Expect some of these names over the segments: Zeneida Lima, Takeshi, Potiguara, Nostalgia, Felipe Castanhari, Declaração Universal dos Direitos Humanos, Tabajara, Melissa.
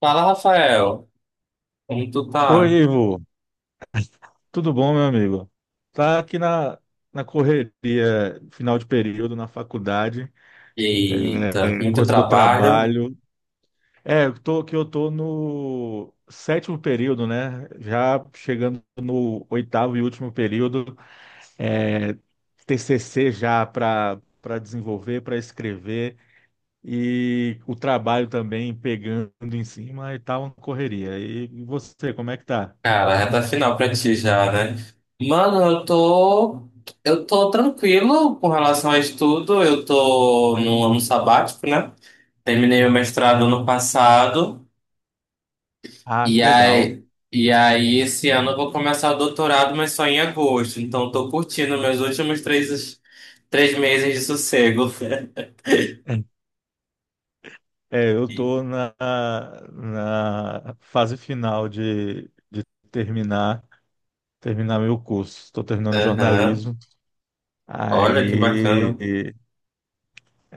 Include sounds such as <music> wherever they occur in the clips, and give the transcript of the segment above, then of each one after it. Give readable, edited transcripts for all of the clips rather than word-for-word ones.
Fala, Rafael. Como tu Oi, tá? Ivo. Tudo bom, meu amigo? Tá aqui na correria, final de período, na faculdade, Eita, muito coisa do trabalho. trabalho. É, que eu tô no sétimo período, né? Já chegando no oitavo e último período. É, TCC já para desenvolver, para escrever. E o trabalho também pegando em cima e tal, uma correria. E você, como é que tá? Cara, reta final pra ti já, né? Mano, eu tô. Eu tô tranquilo com relação a estudo. Eu tô num ano sabático, né? Terminei o mestrado ano passado. Ah, E que legal. aí, e aí, esse ano eu vou começar o doutorado, mas só em agosto. Então, eu tô curtindo meus últimos três meses de sossego. <laughs> <laughs> É, eu tô na fase final de terminar terminar meu curso. Estou terminando Aham. jornalismo. Olha que bacana. Aí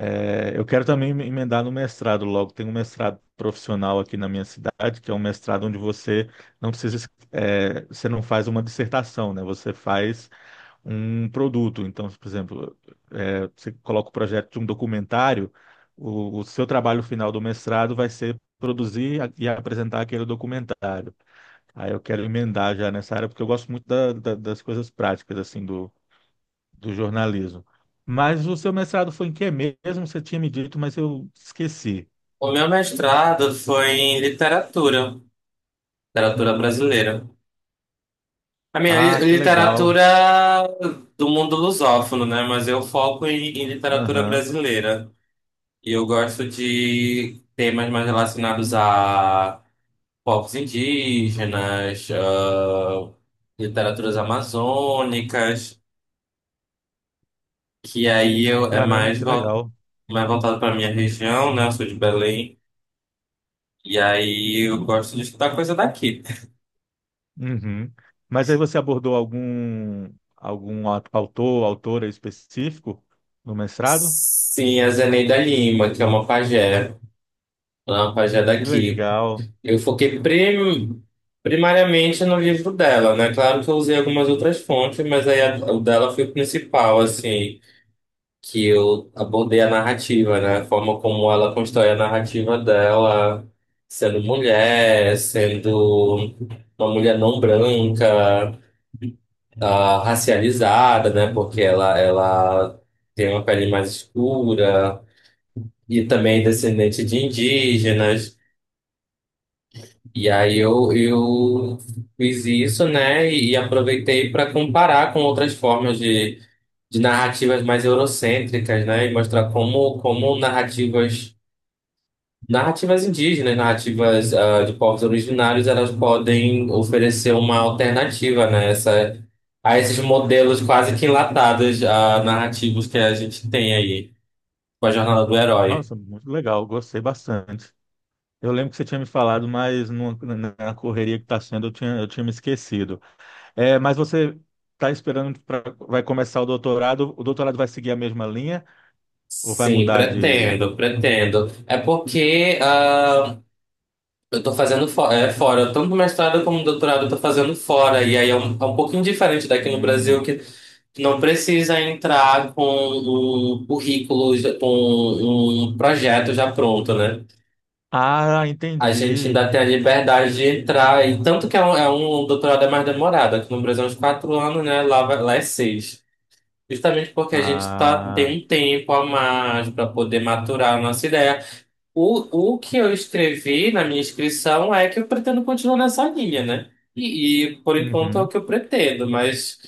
eu quero também me emendar no mestrado logo. Tem um mestrado profissional aqui na minha cidade, que é um mestrado onde você não precisa, você não faz uma dissertação, né? Você faz um produto. Então, por exemplo, você coloca o projeto de um documentário, o seu trabalho final do mestrado vai ser produzir e apresentar aquele documentário. Aí eu quero emendar já nessa área, porque eu gosto muito das coisas práticas, assim, do jornalismo. Mas o seu mestrado foi em que mesmo? Você tinha me dito, mas eu esqueci. O meu mestrado foi em literatura, literatura brasileira. A minha Ah, li- que legal. literatura do mundo lusófono, né? Mas eu foco em literatura Aham. brasileira. E eu gosto de temas mais relacionados a povos indígenas, ah, literaturas amazônicas, que aí eu, é Caramba, mais, que legal. mais voltado para minha região, né? Eu sou de Belém. E aí eu gosto de estudar coisa daqui. Uhum. Mas aí você abordou algum autor, autora específico no mestrado? Sim, a Zeneida Lima, que é uma pajé Que daqui. legal. Eu foquei primariamente no livro dela, né? Claro que eu usei algumas outras fontes, mas aí a- o dela foi o principal, assim, que eu abordei a narrativa, né? A forma como ela constrói a narrativa dela, sendo mulher, sendo uma mulher não branca, racializada, né? Porque ela tem uma pele mais escura. E também descendente de indígenas. E aí eu fiz isso, né? E aproveitei para comparar com outras formas de narrativas mais eurocêntricas, né? E mostrar como narrativas, narrativas indígenas, narrativas de povos originários, elas podem oferecer uma alternativa, né? Essa, a esses modelos quase que enlatados, a narrativos que a gente tem aí com a jornada do herói. Nossa, muito legal, gostei bastante. Eu lembro que você tinha me falado, mas na correria que está sendo, eu tinha me esquecido. É, mas você está esperando para vai começar o doutorado? O doutorado vai seguir a mesma linha ou vai Sim, mudar de? pretendo, pretendo. É porque eu tô fazendo fora, tanto o mestrado como o doutorado eu tô fazendo fora, e aí é um pouquinho diferente daqui no Brasil, Hum. que não precisa entrar com um currículo, já- com um projeto já pronto, né? Ah, A gente entendi. ainda tem a liberdade de entrar, e tanto que é um doutorado é mais demorado, aqui no Brasil é uns quatro anos, né? Lá, lá é seis. Justamente porque a gente tá, tem Ah, um tempo a mais para poder maturar a nossa ideia. O que eu escrevi na minha inscrição é que eu pretendo continuar nessa linha, né? E por enquanto é o uhum. que eu pretendo, mas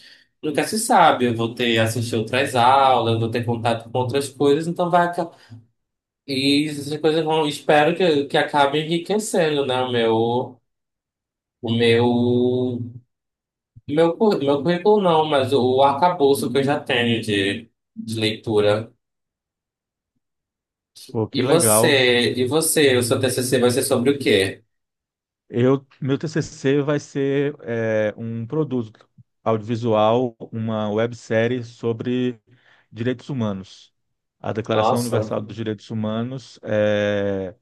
nunca se sabe. Eu vou ter assistir outras aulas, eu vou ter contato com outras coisas, então vai. E essas coisas vão. Espero que acabe enriquecendo, né? O meu. O meu. Meu currículo não, mas o arcabouço que eu já tenho de leitura. Pô, que E legal. você? E você? O seu TCC vai ser sobre o quê? Meu TCC vai ser um produto audiovisual, uma websérie sobre direitos humanos. A Declaração Nossa. Universal dos Direitos Humanos é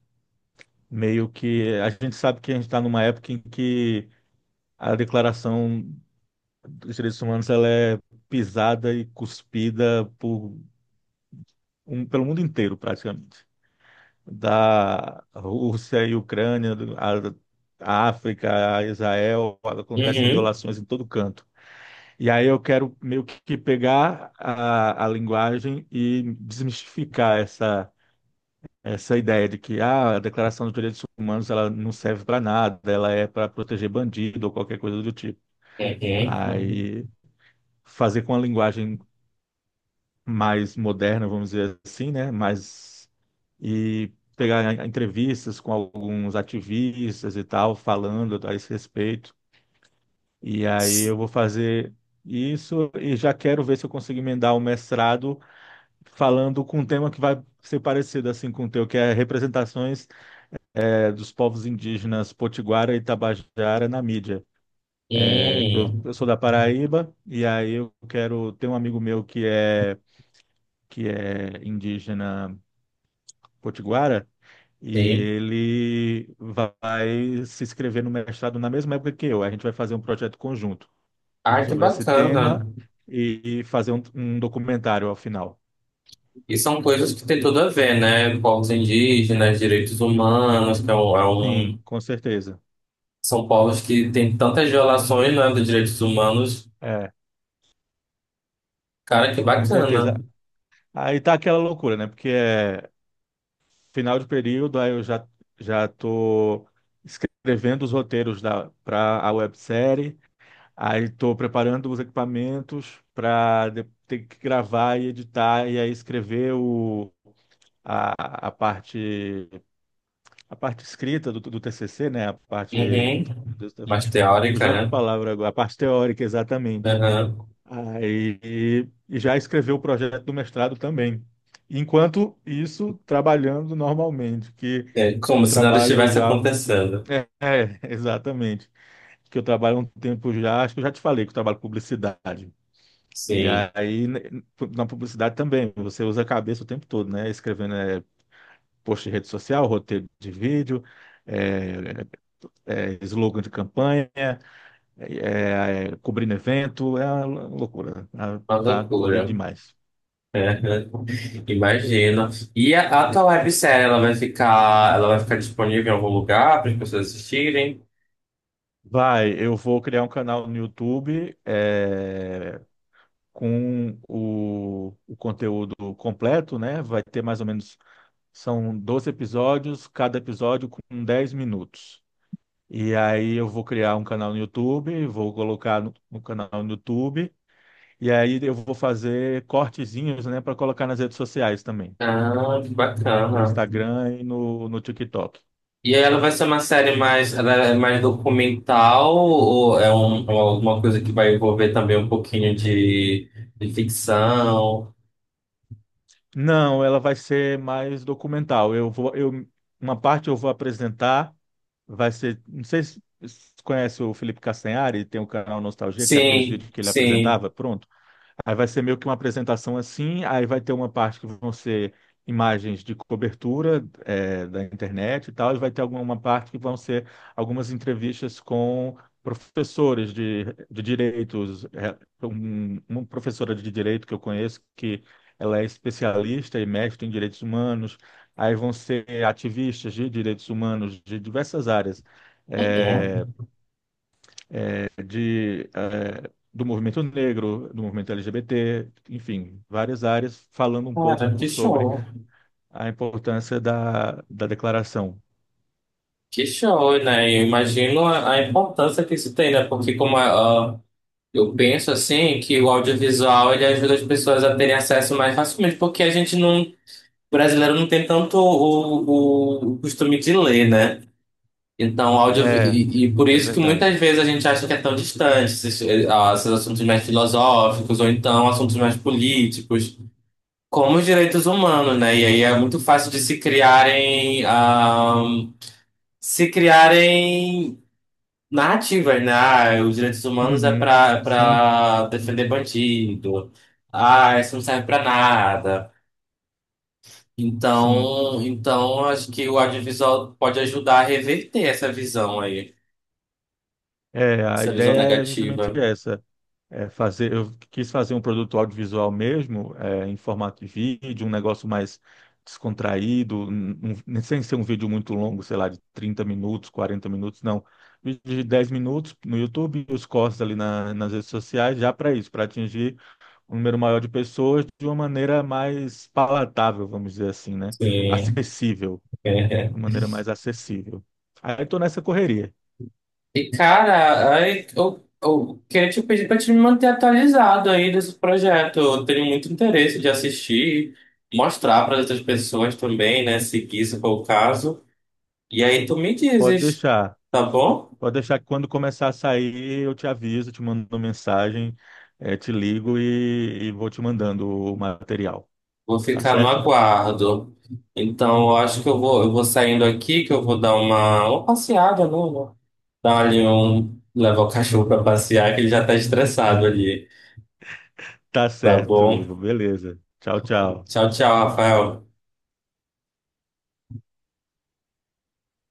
meio que a gente sabe que a gente está numa época em que a Declaração dos Direitos Humanos ela é pisada e cuspida por pelo mundo inteiro, praticamente. Da Rússia e Ucrânia, a África, a Israel, acontecem Uhum. violações em todo canto. E aí eu quero meio que pegar a linguagem e desmistificar essa ideia de que a Declaração dos Direitos Humanos ela não serve para nada, ela é para proteger bandido ou qualquer coisa do tipo. Uhum. Aí fazer com a linguagem mais moderna, vamos dizer assim, né? Mais e pegar entrevistas com alguns ativistas e tal, falando a esse respeito. E aí Sim, eu vou fazer isso e já quero ver se eu consigo emendar o mestrado falando com um tema que vai ser parecido assim com o teu, que é representações dos povos indígenas Potiguara e Tabajara na mídia. É, que eu sou da Paraíba e aí eu quero ter um amigo meu que é indígena Potiguara E sim. ele vai se inscrever no mestrado na mesma época que eu. A gente vai fazer um projeto conjunto Ah, que sobre esse bacana. tema e fazer um documentário ao final. E são coisas que tem tudo a ver, né? Povos indígenas, direitos humanos, que é Sim, um- com certeza. são povos que têm tantas violações, né, dos direitos humanos. É, Cara, que com bacana. certeza. Aí tá aquela loucura, né? Porque é final de período, aí eu já tô escrevendo os roteiros da para a websérie, aí tô preparando os equipamentos para ter que gravar e editar e aí escrever o a, a parte a parte escrita do TCC, né? A parte, Uhum. meu Deus, Mais teórica, fugiu a né? palavra agora, a parte teórica, exatamente. Uhum. Aí e já escreveu o projeto do mestrado também. Enquanto isso, trabalhando normalmente, que É como eu se nada trabalho estivesse já, acontecendo. é, é, exatamente, que eu trabalho há um tempo já, acho que eu já te falei que eu trabalho com publicidade. E Sim, aí, né, na publicidade também, você usa a cabeça o tempo todo, né? Escrevendo post em rede social, roteiro de vídeo, é, slogan de campanha, cobrindo evento, é uma loucura. Tá, uma tá corrido loucura. demais. <laughs> É, imagino. E a tua websérie, ela vai ficar disponível em algum lugar para as pessoas assistirem? Vai, eu vou criar um canal no YouTube com o conteúdo completo, né? Vai ter mais ou menos, são 12 episódios, cada episódio com 10 minutos. E aí eu vou criar um canal no YouTube, vou colocar no canal no YouTube E aí eu vou fazer cortezinhos, né, para colocar nas redes sociais também, Ah, que no bacana. Instagram e no TikTok. E aí ela vai ser uma série mais, ela é mais documental ou é um, alguma coisa que vai envolver também um pouquinho de ficção? Não, ela vai ser mais documental. Uma parte eu vou apresentar, vai ser, não sei se você conhece o Felipe Castanhari, tem o canal Nostalgia, que é aqueles Sim, vídeos que ele sim. apresentava, pronto. Aí vai ser meio que uma apresentação assim, aí vai ter uma parte que vão ser imagens de cobertura da internet e tal, e vai ter alguma uma parte que vão ser algumas entrevistas com professores de direitos. É, uma professora de direito que eu conheço, que ela é especialista e mestre em direitos humanos, aí vão ser ativistas de direitos humanos de diversas áreas. eh, Uhum. Do movimento negro, do movimento LGBT, enfim, várias áreas falando um Cara, pouco que sobre show. a importância da declaração. Que show, né? Eu imagino a importância que isso tem, né? Porque como a, eu penso assim que o audiovisual ele ajuda as pessoas a terem acesso mais facilmente, porque a gente não, o brasileiro não tem tanto o costume de ler, né? Então, áudio É, e por é isso que muitas verdade. vezes a gente acha que é tão distante esses esses assuntos mais filosóficos ou então assuntos mais políticos, como os direitos humanos, né? E aí é muito fácil de se criarem, se criarem narrativas, né? Ah, os direitos humanos é Uhum. pra, Sim, pra defender bandido. Ah, isso não serve pra nada. sim. Então, acho que o audiovisual pode ajudar a reverter essa visão aí, É, a essa visão ideia é justamente negativa. essa, fazer, eu quis fazer um produto audiovisual mesmo, em formato de vídeo, um negócio mais descontraído, sem ser um vídeo muito longo, sei lá, de 30 minutos, 40 minutos, não. Vídeo de 10 minutos no YouTube e os cortes ali nas redes sociais, já para isso, para atingir um número maior de pessoas de uma maneira mais palatável, vamos dizer assim, né? Sim. Acessível, É. de uma maneira mais acessível. Aí estou nessa correria. E, cara, aí eu queria te pedir pra te me manter atualizado aí desse projeto. Eu tenho muito interesse de assistir, mostrar para outras pessoas também, né? Se isso for o caso. E aí tu me Pode dizes, deixar. tá bom? Pode deixar que quando começar a sair, eu te aviso, te mando uma mensagem, te ligo e vou te mandando o material. Vou Tá ficar no certo? aguardo. Então, eu acho que eu vou saindo aqui, que eu vou dar uma passeada, né, amor? Dar ali um, levar o cachorro pra passear, que ele já tá estressado ali. Tá Tá certo, bom? Ivo. Beleza. Tchau, tchau. Tchau, tchau, Rafael.